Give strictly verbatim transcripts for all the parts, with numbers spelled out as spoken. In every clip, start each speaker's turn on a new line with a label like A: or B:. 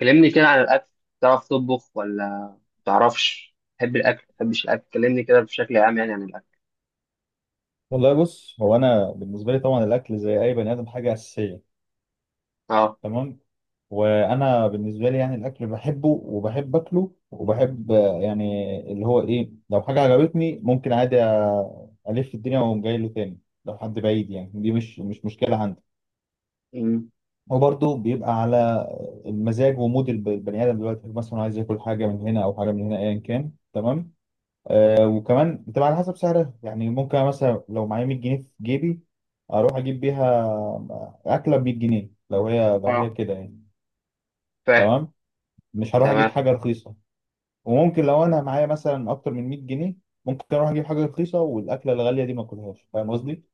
A: كلمني كده عن الأكل. تعرف تطبخ ولا تعرفش؟ تحب الأكل تحبش الأكل؟ كلمني كده بشكل عام يعني عن الأكل.
B: والله بص، هو انا بالنسبه لي طبعا الاكل زي اي بني ادم حاجه اساسيه.
A: اه.
B: تمام. وانا بالنسبه لي يعني الاكل بحبه وبحب اكله وبحب آه، يعني اللي هو ايه، لو حاجه عجبتني ممكن عادي آه، الف الدنيا واقوم جاي له تاني. لو حد بعيد يعني دي مش مش مشكله عندي.
A: أمم.
B: وبرضه بيبقى على المزاج ومود الب- البني ادم، دلوقتي مثلا عايز ياكل حاجه من هنا او حاجه من هنا ايا كان. تمام. آه وكمان بتبقى على حسب سعرها، يعني ممكن مثلا لو معايا مية جنيه في جيبي، اروح اجيب بيها اكله ب ميه جنيه لو هي لو هي
A: اه،
B: كده يعني.
A: فاهم.
B: تمام. مش هروح اجيب
A: تمام،
B: حاجه رخيصه. وممكن لو انا معايا مثلا اكتر من مية جنيه، ممكن اروح اجيب حاجه رخيصه والاكله الغاليه دي ما اكلهاش، فاهم قصدي؟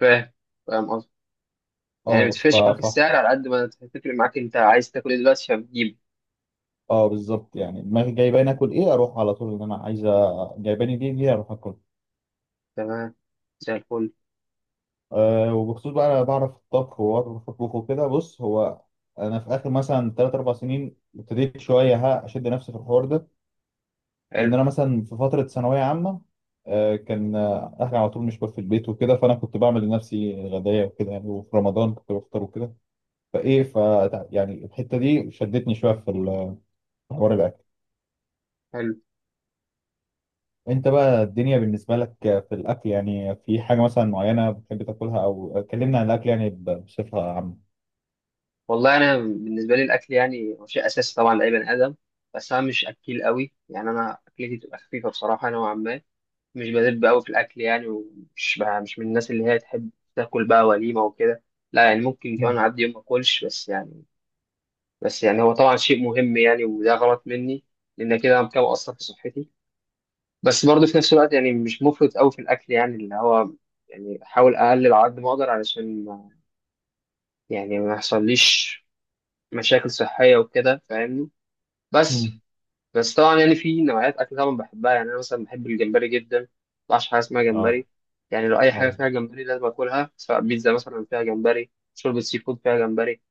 A: فاهم. فاهم قصدي. يعني
B: اه. ف
A: متفرقش معاك
B: ف
A: السعر على قد ما تفرق معاك أنت عايز تاكل إيه دلوقتي فبتجيبه.
B: اه، بالظبط، يعني دماغي جايباني اكل ايه اروح على طول، ان انا عايزه جايباني دي دي اروح اكل.
A: تمام، زي الفل.
B: أه، وبخصوص بقى أنا بعرف الطبخ وبعرف أطبخ وكده، بص هو أنا في آخر مثلا تلات أربع سنين ابتديت شوية ها أشد نفسي في الحوار ده. لأن
A: حلو.
B: أنا مثلا في فترة ثانوية عامة، أه كان آه، أهلي على طول مش في البيت وكده، فأنا كنت بعمل لنفسي غداية وكده يعني، وفي رمضان كنت بفطر وكده. فإيه ف يعني الحتة دي شدتني شوية في ال- في حوار الأكل.
A: حلو،
B: أنت بقى الدنيا بالنسبة لك في الأكل، يعني في حاجة مثلا معينة بتحب تاكلها، أو كلمنا عن الأكل يعني بصفة عامة.
A: والله أنا بالنسبة لي الأكل يعني هو شيء أساسي طبعا لأي بني آدم، بس أنا مش أكيل قوي، يعني أنا أكلتي تبقى خفيفة بصراحة نوعا ما. مش بدب قوي في الاكل يعني، ومش بقى مش من الناس اللي هي تحب تاكل بقى وليمه وكده. لا يعني ممكن كمان
B: مم.
A: اعدي يوم ما اكلش، بس يعني بس يعني هو طبعا شيء مهم يعني، وده غلط مني لان كده انا كده مقصر في صحتي. بس برضه في نفس الوقت يعني مش مفرط قوي في الاكل، يعني اللي هو يعني احاول اقلل على قد ما اقدر علشان ما- يعني ما يحصليش مشاكل صحيه وكده، فاهمني؟ بس
B: مم.
A: بس طبعا يعني في نوعيات اكل طبعا بحبها، يعني انا مثلا بحب الجمبري جدا ما بعرفش حاجه اسمها
B: اه.
A: جمبري. يعني لو اي حاجه
B: ايوه.
A: فيها جمبري لازم اكلها، سواء بيتزا مثلا فيها جمبري، شوربه سي فود فيها جمبري،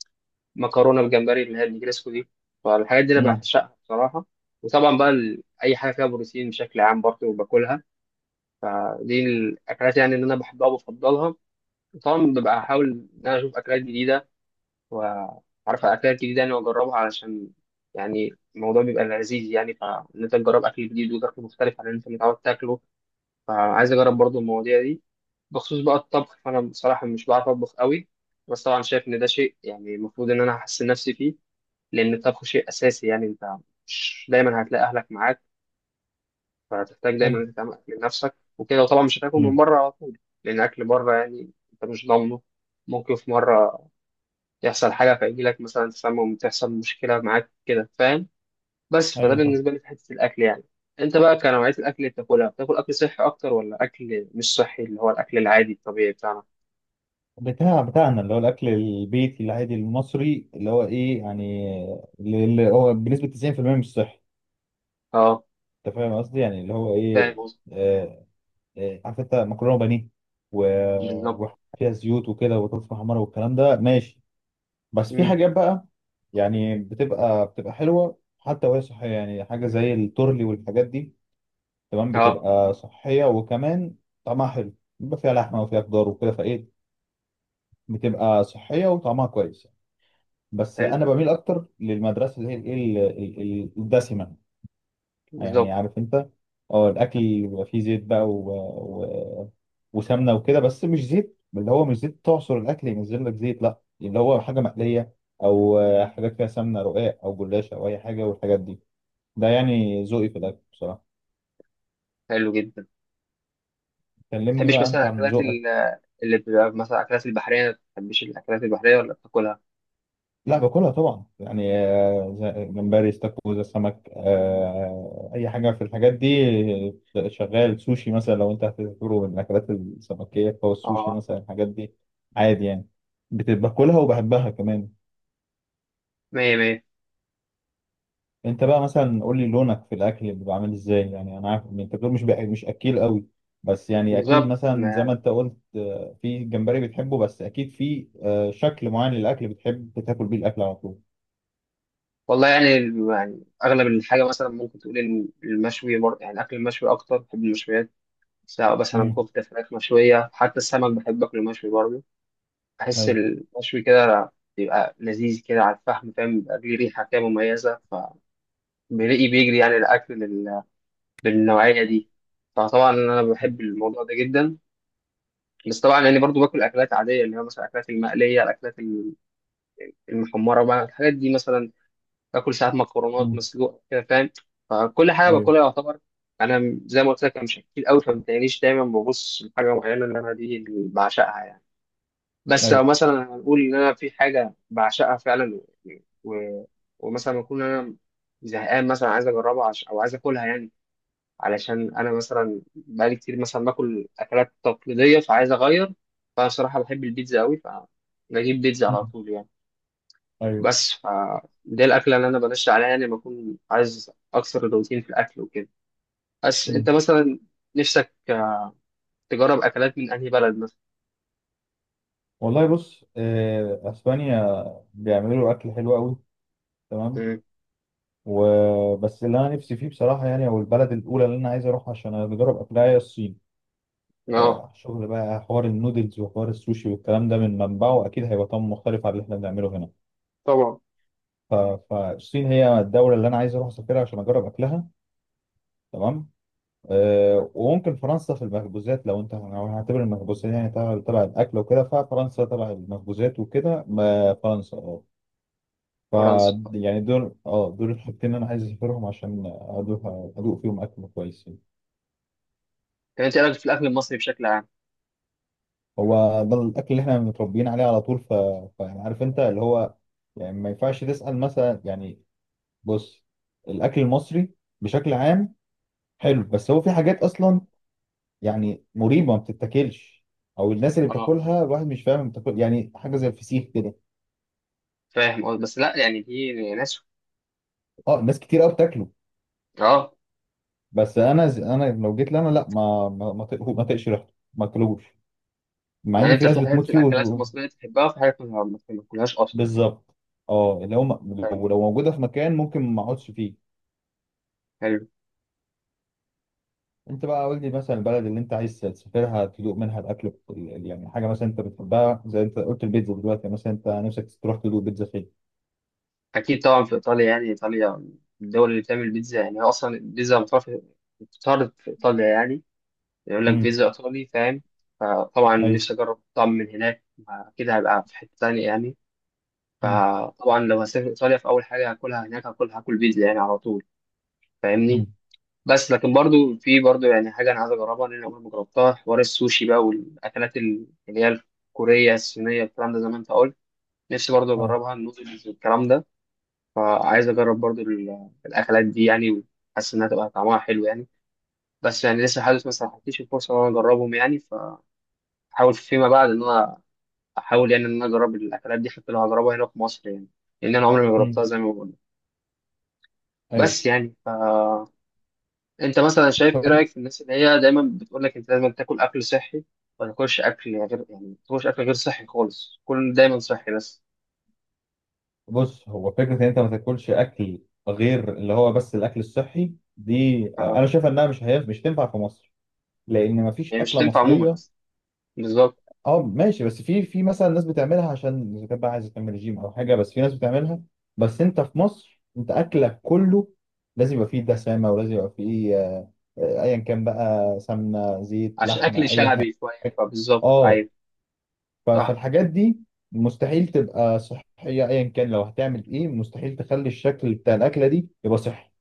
A: مكرونه بالجمبري اللي هي النجريسكو دي. فالحاجات دي انا
B: امم.
A: بعشقها بصراحه. وطبعا بقى ال- اي حاجه فيها بروتين بشكل عام برضه باكلها. دي الاكلات يعني اللي انا بحبها وبفضلها. وطبعا ببقى احاول ان انا اشوف اكلات جديده، وعارف الاكلات الجديده يعني واجربها علشان يعني الموضوع بيبقى لذيذ، يعني فان انت تجرب اكل جديد وتاكل مختلف عن اللي انت متعود تاكله. فعايز اجرب برضو المواضيع دي. بخصوص بقى الطبخ فانا بصراحه مش بعرف اطبخ قوي، بس طبعا شايف ان ده شيء يعني المفروض ان انا احسن نفسي فيه، لان الطبخ شيء اساسي. يعني انت مش دايما هتلاقي اهلك معاك، فهتحتاج دايما
B: ايوه.
A: انك تعمل اكل لنفسك وكده، وطبعا مش هتاكل من
B: امم.
A: بره على طول. لان اكل بره يعني انت مش ضامنه، ممكن في مره يحصل حاجة فيجيلك مثلا تسمم، تحصل مشكلة معاك كده، فاهم؟ بس فده
B: ايوه. فاهم.
A: بالنسبة لي في حتة الأكل يعني. أنت بقى كنوعية الأكل اللي بتاكلها، بتاكل أكل صحي أكتر ولا أكل مش صحي اللي هو الأكل العادي الطبيعي بتاعنا؟
B: بتاع بتاعنا اللي هو الاكل البيتي العادي المصري، اللي هو ايه يعني، اللي هو بنسبه تسعين في الميه مش صحي.
A: أه،
B: انت فاهم قصدي، يعني اللي هو
A: فاهم
B: ايه،
A: قصدي؟
B: آه، آه، عارف انت، مكرونه بانيه و-
A: بالظبط.
B: وفيها زيوت وكده وبطاطس محمره والكلام ده، ماشي. بس في
A: أمم.
B: حاجات بقى يعني بتبقى بتبقى حلوه حتى وهي صحيه، يعني حاجه زي التورلي والحاجات دي. تمام،
A: أه،
B: بتبقى صحيه وكمان طعمها حلو. بيبقى فيها لحمه وفيها خضار وكده، فايه، بتبقى صحية وطعمها كويس. بس
A: حلو.
B: أنا بميل أكتر للمدرسة اللي هي الإيه، ال- ال- ال- الدسمة، يعني
A: بالظبط.
B: عارف أنت. أه، الأكل بيبقى فيه زيت بقى و... و... وسمنة وكده، بس مش زيت اللي هو مش زيت تعصر الأكل ينزل لك زيت، لا اللي هو حاجة مقلية، أو حاجة فيها سمنة، رقاق أو جلاش أو أي حاجة والحاجات دي. ده يعني ذوقي في الأكل بصراحة.
A: حلو جدا ما
B: كلمني
A: تحبش
B: بقى أنت
A: مثلا
B: عن
A: أكلات
B: ذوقك.
A: ال- اللي بتبقى مثلا أكلات البحرية؟ ما تحبش الأكلات البحرية ولا بتاكلها؟
B: لا، باكلها طبعا يعني، آه، زي- جمبري، استاكوزا، سمك، آه، اي حاجه في الحاجات دي. آه، شغال سوشي مثلا، لو انت هتعتبره من الاكلات السمكيه، فهو السوشي
A: أه،
B: مثلا، الحاجات دي عادي يعني. بت- باكلها وبحبها كمان.
A: مية مية.
B: انت بقى مثلا قول لي لونك في الاكل اللي بعمل ازاي، يعني انا عارف إن انت بتقول مش بأ- مش اكيل قوي، بس يعني اكيد
A: بالظبط
B: مثلا زي ما
A: ما-
B: انت قلت آه، في جمبري بتحبه، بس اكيد في آه، شكل معين للاكل بتحب تاكل بيه الاكل على طول.
A: والله يعني، يعني اغلب الحاجه مثلا ممكن تقول الم- المشوي، بر- يعني اكل المشوي. اكتر بحب المشويات، سواء مثلا
B: امم.
A: كفتة، فراخ مشوية، حتى السمك بحب أكله مشوي برضه. بحس
B: ايوه.
A: المشوي كده بيبقى لذيذ كده على الفحم، فاهم؟ بيبقى ليه ريحة كده مميزة، فبيلاقي بيجري يعني الأكل لل- بالنوعية دي. فطبعا أنا بحب الموضوع ده جدا. بس طبعا يعني برضه باكل أكلات عادية اللي هي مثلا الأكلات المقلية، الأكلات المحمرة بقى، الحاجات دي مثلا. باكل ساعات مكرونات
B: امم.
A: مسلوق كده، فاهم؟ فكل حاجة
B: ايوه.
A: باكلها يعتبر. أنا زي ما قلت لك أنا مش أكيد أوي، فما تلاقينيش دايما ببص لحاجة معينة اللي أنا دي اللي بعشقها يعني. بس
B: ايوه.
A: لو مثلا هنقول ان انا في حاجه بعشقها فعلا، و... ومثلا اكون انا زهقان مثلا عايز اجربها، عش... او عايز اكلها يعني، علشان انا مثلا بقالي كتير مثلا باكل اكلات تقليديه فعايز اغير. فانا صراحه بحب البيتزا قوي، فبجيب بيتزا على طول يعني.
B: ايوه.
A: بس ف دي الاكله اللي انا بنشا عليها يعني لما اكون عايز اكسر الروتين في الاكل وكده. بس انت
B: مم.
A: مثلا نفسك تجرب اكلات من انهي بلد مثلا؟
B: والله بص، آه، اسبانيا بيعملوا اكل حلو قوي. تمام.
A: مم.
B: وبس اللي انا نفسي فيه بصراحه يعني، او البلد الاولى اللي انا عايز اروحها عشان اجرب اكلها، هي الصين.
A: اه
B: آه، شغل بقى حوار النودلز وحوار السوشي والكلام ده، من منبعه اكيد هيبقى طعم مختلف عن اللي احنا بنعمله هنا.
A: طبعا.
B: ف- فالصين هي الدوله اللي انا عايز اروح اسافرها عشان اجرب اكلها. تمام. آه، وممكن فرنسا في المخبوزات، لو انت لو هنعتبر المخبوزات يعني تبع تبع الاكل وكده، ففرنسا تبع المخبوزات وكده، ما فرنسا اه. ف
A: فرنسا.
B: يعني دول اه دول الحاجتين اللي انا عايز اسافرهم عشان ادوق ادوق فيهم اكل كويس يعني.
A: كانت ايه رايك في الاكل المصري بشكل عام؟
B: هو ده الاكل اللي احنا متربيين عليه على طول، ف... فيعني عارف انت اللي هو، يعني ما ينفعش تسأل مثلا، يعني بص، الاكل المصري بشكل عام حلو، بس هو في حاجات اصلا يعني مريبه ما بتتاكلش، او الناس اللي
A: اه،
B: بتاكلها الواحد مش فاهم بتاكل يعني حاجه زي الفسيخ كده.
A: فاهم قصدي، بس لا يعني دي ناس.
B: اه، ناس كتير قوي بتاكله،
A: اه،
B: بس انا ز... انا لو جيت لنا لا، ما ما ما تق- ما تقش ريحته ما اكلوش، مع
A: يعني
B: ان في
A: انت
B: ناس
A: في حاجات
B: بتموت
A: في
B: فيه
A: الاكلات
B: وت...
A: المصريه تحبها، وفي حاجات ما ما تاكلهاش اصلا.
B: بالظبط. اه، اللي هو م-
A: حلو.
B: لو لو موجوده في مكان ممكن ما اقعدش فيه.
A: حلو.
B: انت بقى قول لي مثلا، البلد اللي انت عايز تسافرها تدوق منها الاكل، يعني حاجه مثلا انت بتحبها زي انت قلت البيتزا، دلوقتي مثلا انت نفسك تروح تدوق بيتزا فين؟
A: اكيد طبعا في ايطاليا، يعني ايطاليا من الدول اللي بتعمل بيتزا، يعني هي اصلا البيتزا بتعرف، بتعرض في ايطاليا يعني، يقول لك
B: امم.
A: بيتزا ايطالي، فاهم؟ فطبعا
B: ايوه.
A: نفسي اجرب طعم من هناك، اكيد هبقى في حته تانية يعني.
B: امم.
A: فطبعا لو هسافر ايطاليا في اول حاجه هاكلها هناك، هاكل هاكل بيتزا يعني على طول. فاهمني؟
B: امم.
A: بس لكن برضو في برضو يعني حاجه انا عايز اجربها لان انا عمري ما جربتها، حوار السوشي بقى والاكلات ال- اللي هي الكوريه الصينيه، الكلام ده زي ما انت قلت. نفسي برضو
B: اه.
A: اجربها، النودلز والكلام ده. عايز اجرب برضو ال- الاكلات دي يعني، وحاسس انها تبقى طعمها حلو يعني. بس يعني لسه حاسس ما سمحتليش الفرصه ان انا اجربهم يعني، فحاول فيما بعد ان انا احاول يعني ان انا اجرب الاكلات دي حتى لو هجربها هنا في مصر يعني، لان انا عمري ما جربتها
B: امم.
A: زي ما بقول.
B: ايوه.
A: بس يعني انت مثلا شايف ايه
B: طيب.
A: رايك في الناس اللي هي دايما بتقول لك انت لازم تاكل اكل صحي، ما تاكلش اكل يعني غير، يعني ما تاكلش اكل غير صحي خالص، كل دايما صحي بس؟
B: بص، هو فكرة إن أنت ما تاكلش أكل غير اللي هو بس الأكل الصحي دي، آه،
A: ف...
B: أنا شايف إنها مش، هي مش تنفع في مصر، لأن ما فيش
A: يعني مش
B: أكلة
A: تنفع عموما
B: مصرية.
A: اصلا. بالظبط،
B: أه ماشي، بس في في مثلا ناس بتعملها عشان إذا كانت بقى عايزة تعمل رجيم أو حاجة، بس في ناس بتعملها. بس أنت في مصر أنت أكلك كله لازم يبقى فيه دسامة، ولازم يبقى فيه آه، آه، أيا كان بقى، سمنة، زيت،
A: عشان
B: لحمة،
A: اكل
B: أي حاجة.
A: شعبي شويه، فبالظبط
B: اه،
A: ايوه.
B: ف-
A: صح.
B: فالحاجات دي مستحيل تبقى صحية. ايا كان لو هتعمل ايه، مستحيل تخلي الشكل بتاع الاكلة دي يبقى صحي.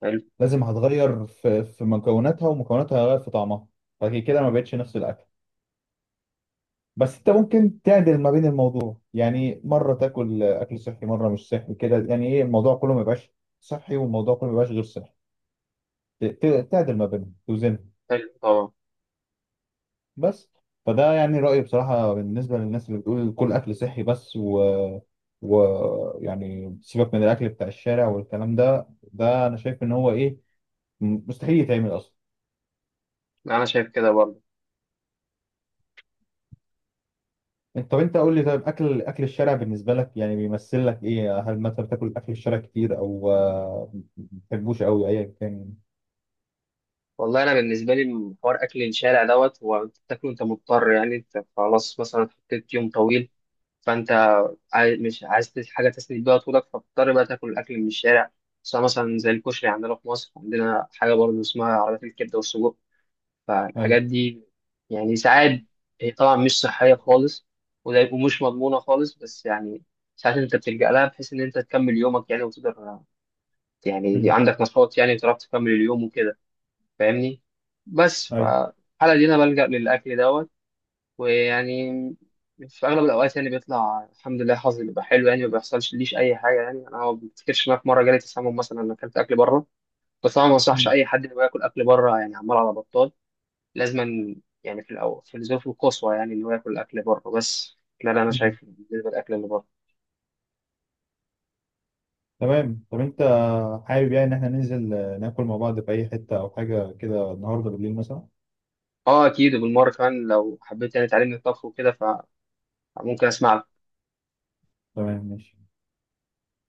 A: حلو.
B: لازم هتغير في في مكوناتها، ومكوناتها هتغير في طعمها، فكده كده ما بقتش نفس الاكل. بس انت ممكن تعدل ما بين الموضوع، يعني مرة تاكل اكل صحي مرة مش صحي كده، يعني ايه الموضوع كله ما يبقاش صحي والموضوع كله ما يبقاش غير صحي، ت- ت- تعدل ما بينهم، توزنهم.
A: حلو طبعا.
B: بس، فده يعني رأيي بصراحة بالنسبة للناس اللي بتقول كل أكل صحي بس، و... و يعني سيبك من الأكل بتاع الشارع والكلام ده، ده أنا شايف إن هو إيه، م- مستحيل يتعمل أصلا.
A: انا شايف كده برضه.
B: أنت طب أنت قول لي، طيب أكل أكل الشارع بالنسبة لك يعني بيمثل لك إيه، هل مثلا بتاكل أكل الشارع كتير، أو آه، ما بتحبوش أوي أيا كان؟
A: والله انا بالنسبه لي حوار اكل الشارع دوت، هو انت بتاكله انت مضطر يعني، انت خلاص مثلا حطيت يوم طويل، فانت عايز، مش عايز تس- حاجة تسند بيها طولك، فبتضطر بقى تاكل الأكل من الشارع. سواء مثلا زي الكشري عندنا في مصر، عندنا حاجة برضه اسمها عربيات الكبدة والسجق.
B: أيوه.
A: فالحاجات دي يعني ساعات، هي طبعا مش صحية خالص، وده- ومش مضمونة خالص، بس يعني ساعات أنت بتلجأ لها بحيث إن أنت تكمل يومك يعني وتقدر، يعني دي
B: مم.
A: عندك نشاط يعني تعرف تكمل اليوم وكده، فاهمني؟ بس
B: أيوه.
A: فالحالة دي أنا بلجأ للأكل دوت. ويعني في اغلب الاوقات يعني بيطلع الحمد لله حظي بيبقى حلو يعني، ما بيحصلش ليش اي حاجه يعني، انا ما بفتكرش ان أنا في مره جالي تسمم مثلا انا اكلت اكل بره. بس طبعا ما انصحش
B: مم.
A: اي حد انه ياكل اكل بره يعني عمال على بطال، لازما يعني في الاول في الظروف القصوى يعني انه ياكل اكل بره بس. ده اللي انا
B: مم.
A: شايفه بالنسبه للاكل اللي بره.
B: تمام. طب أنت حابب يعني إن إحنا ننزل آه، ناكل مع بعض في أي حتة أو حاجة كده النهاردة بالليل مثلا؟
A: اه اكيد، وبالمره كمان لو حبيت يعني تعلمني الطبخ وكده فممكن اسمع.
B: تمام، ماشي.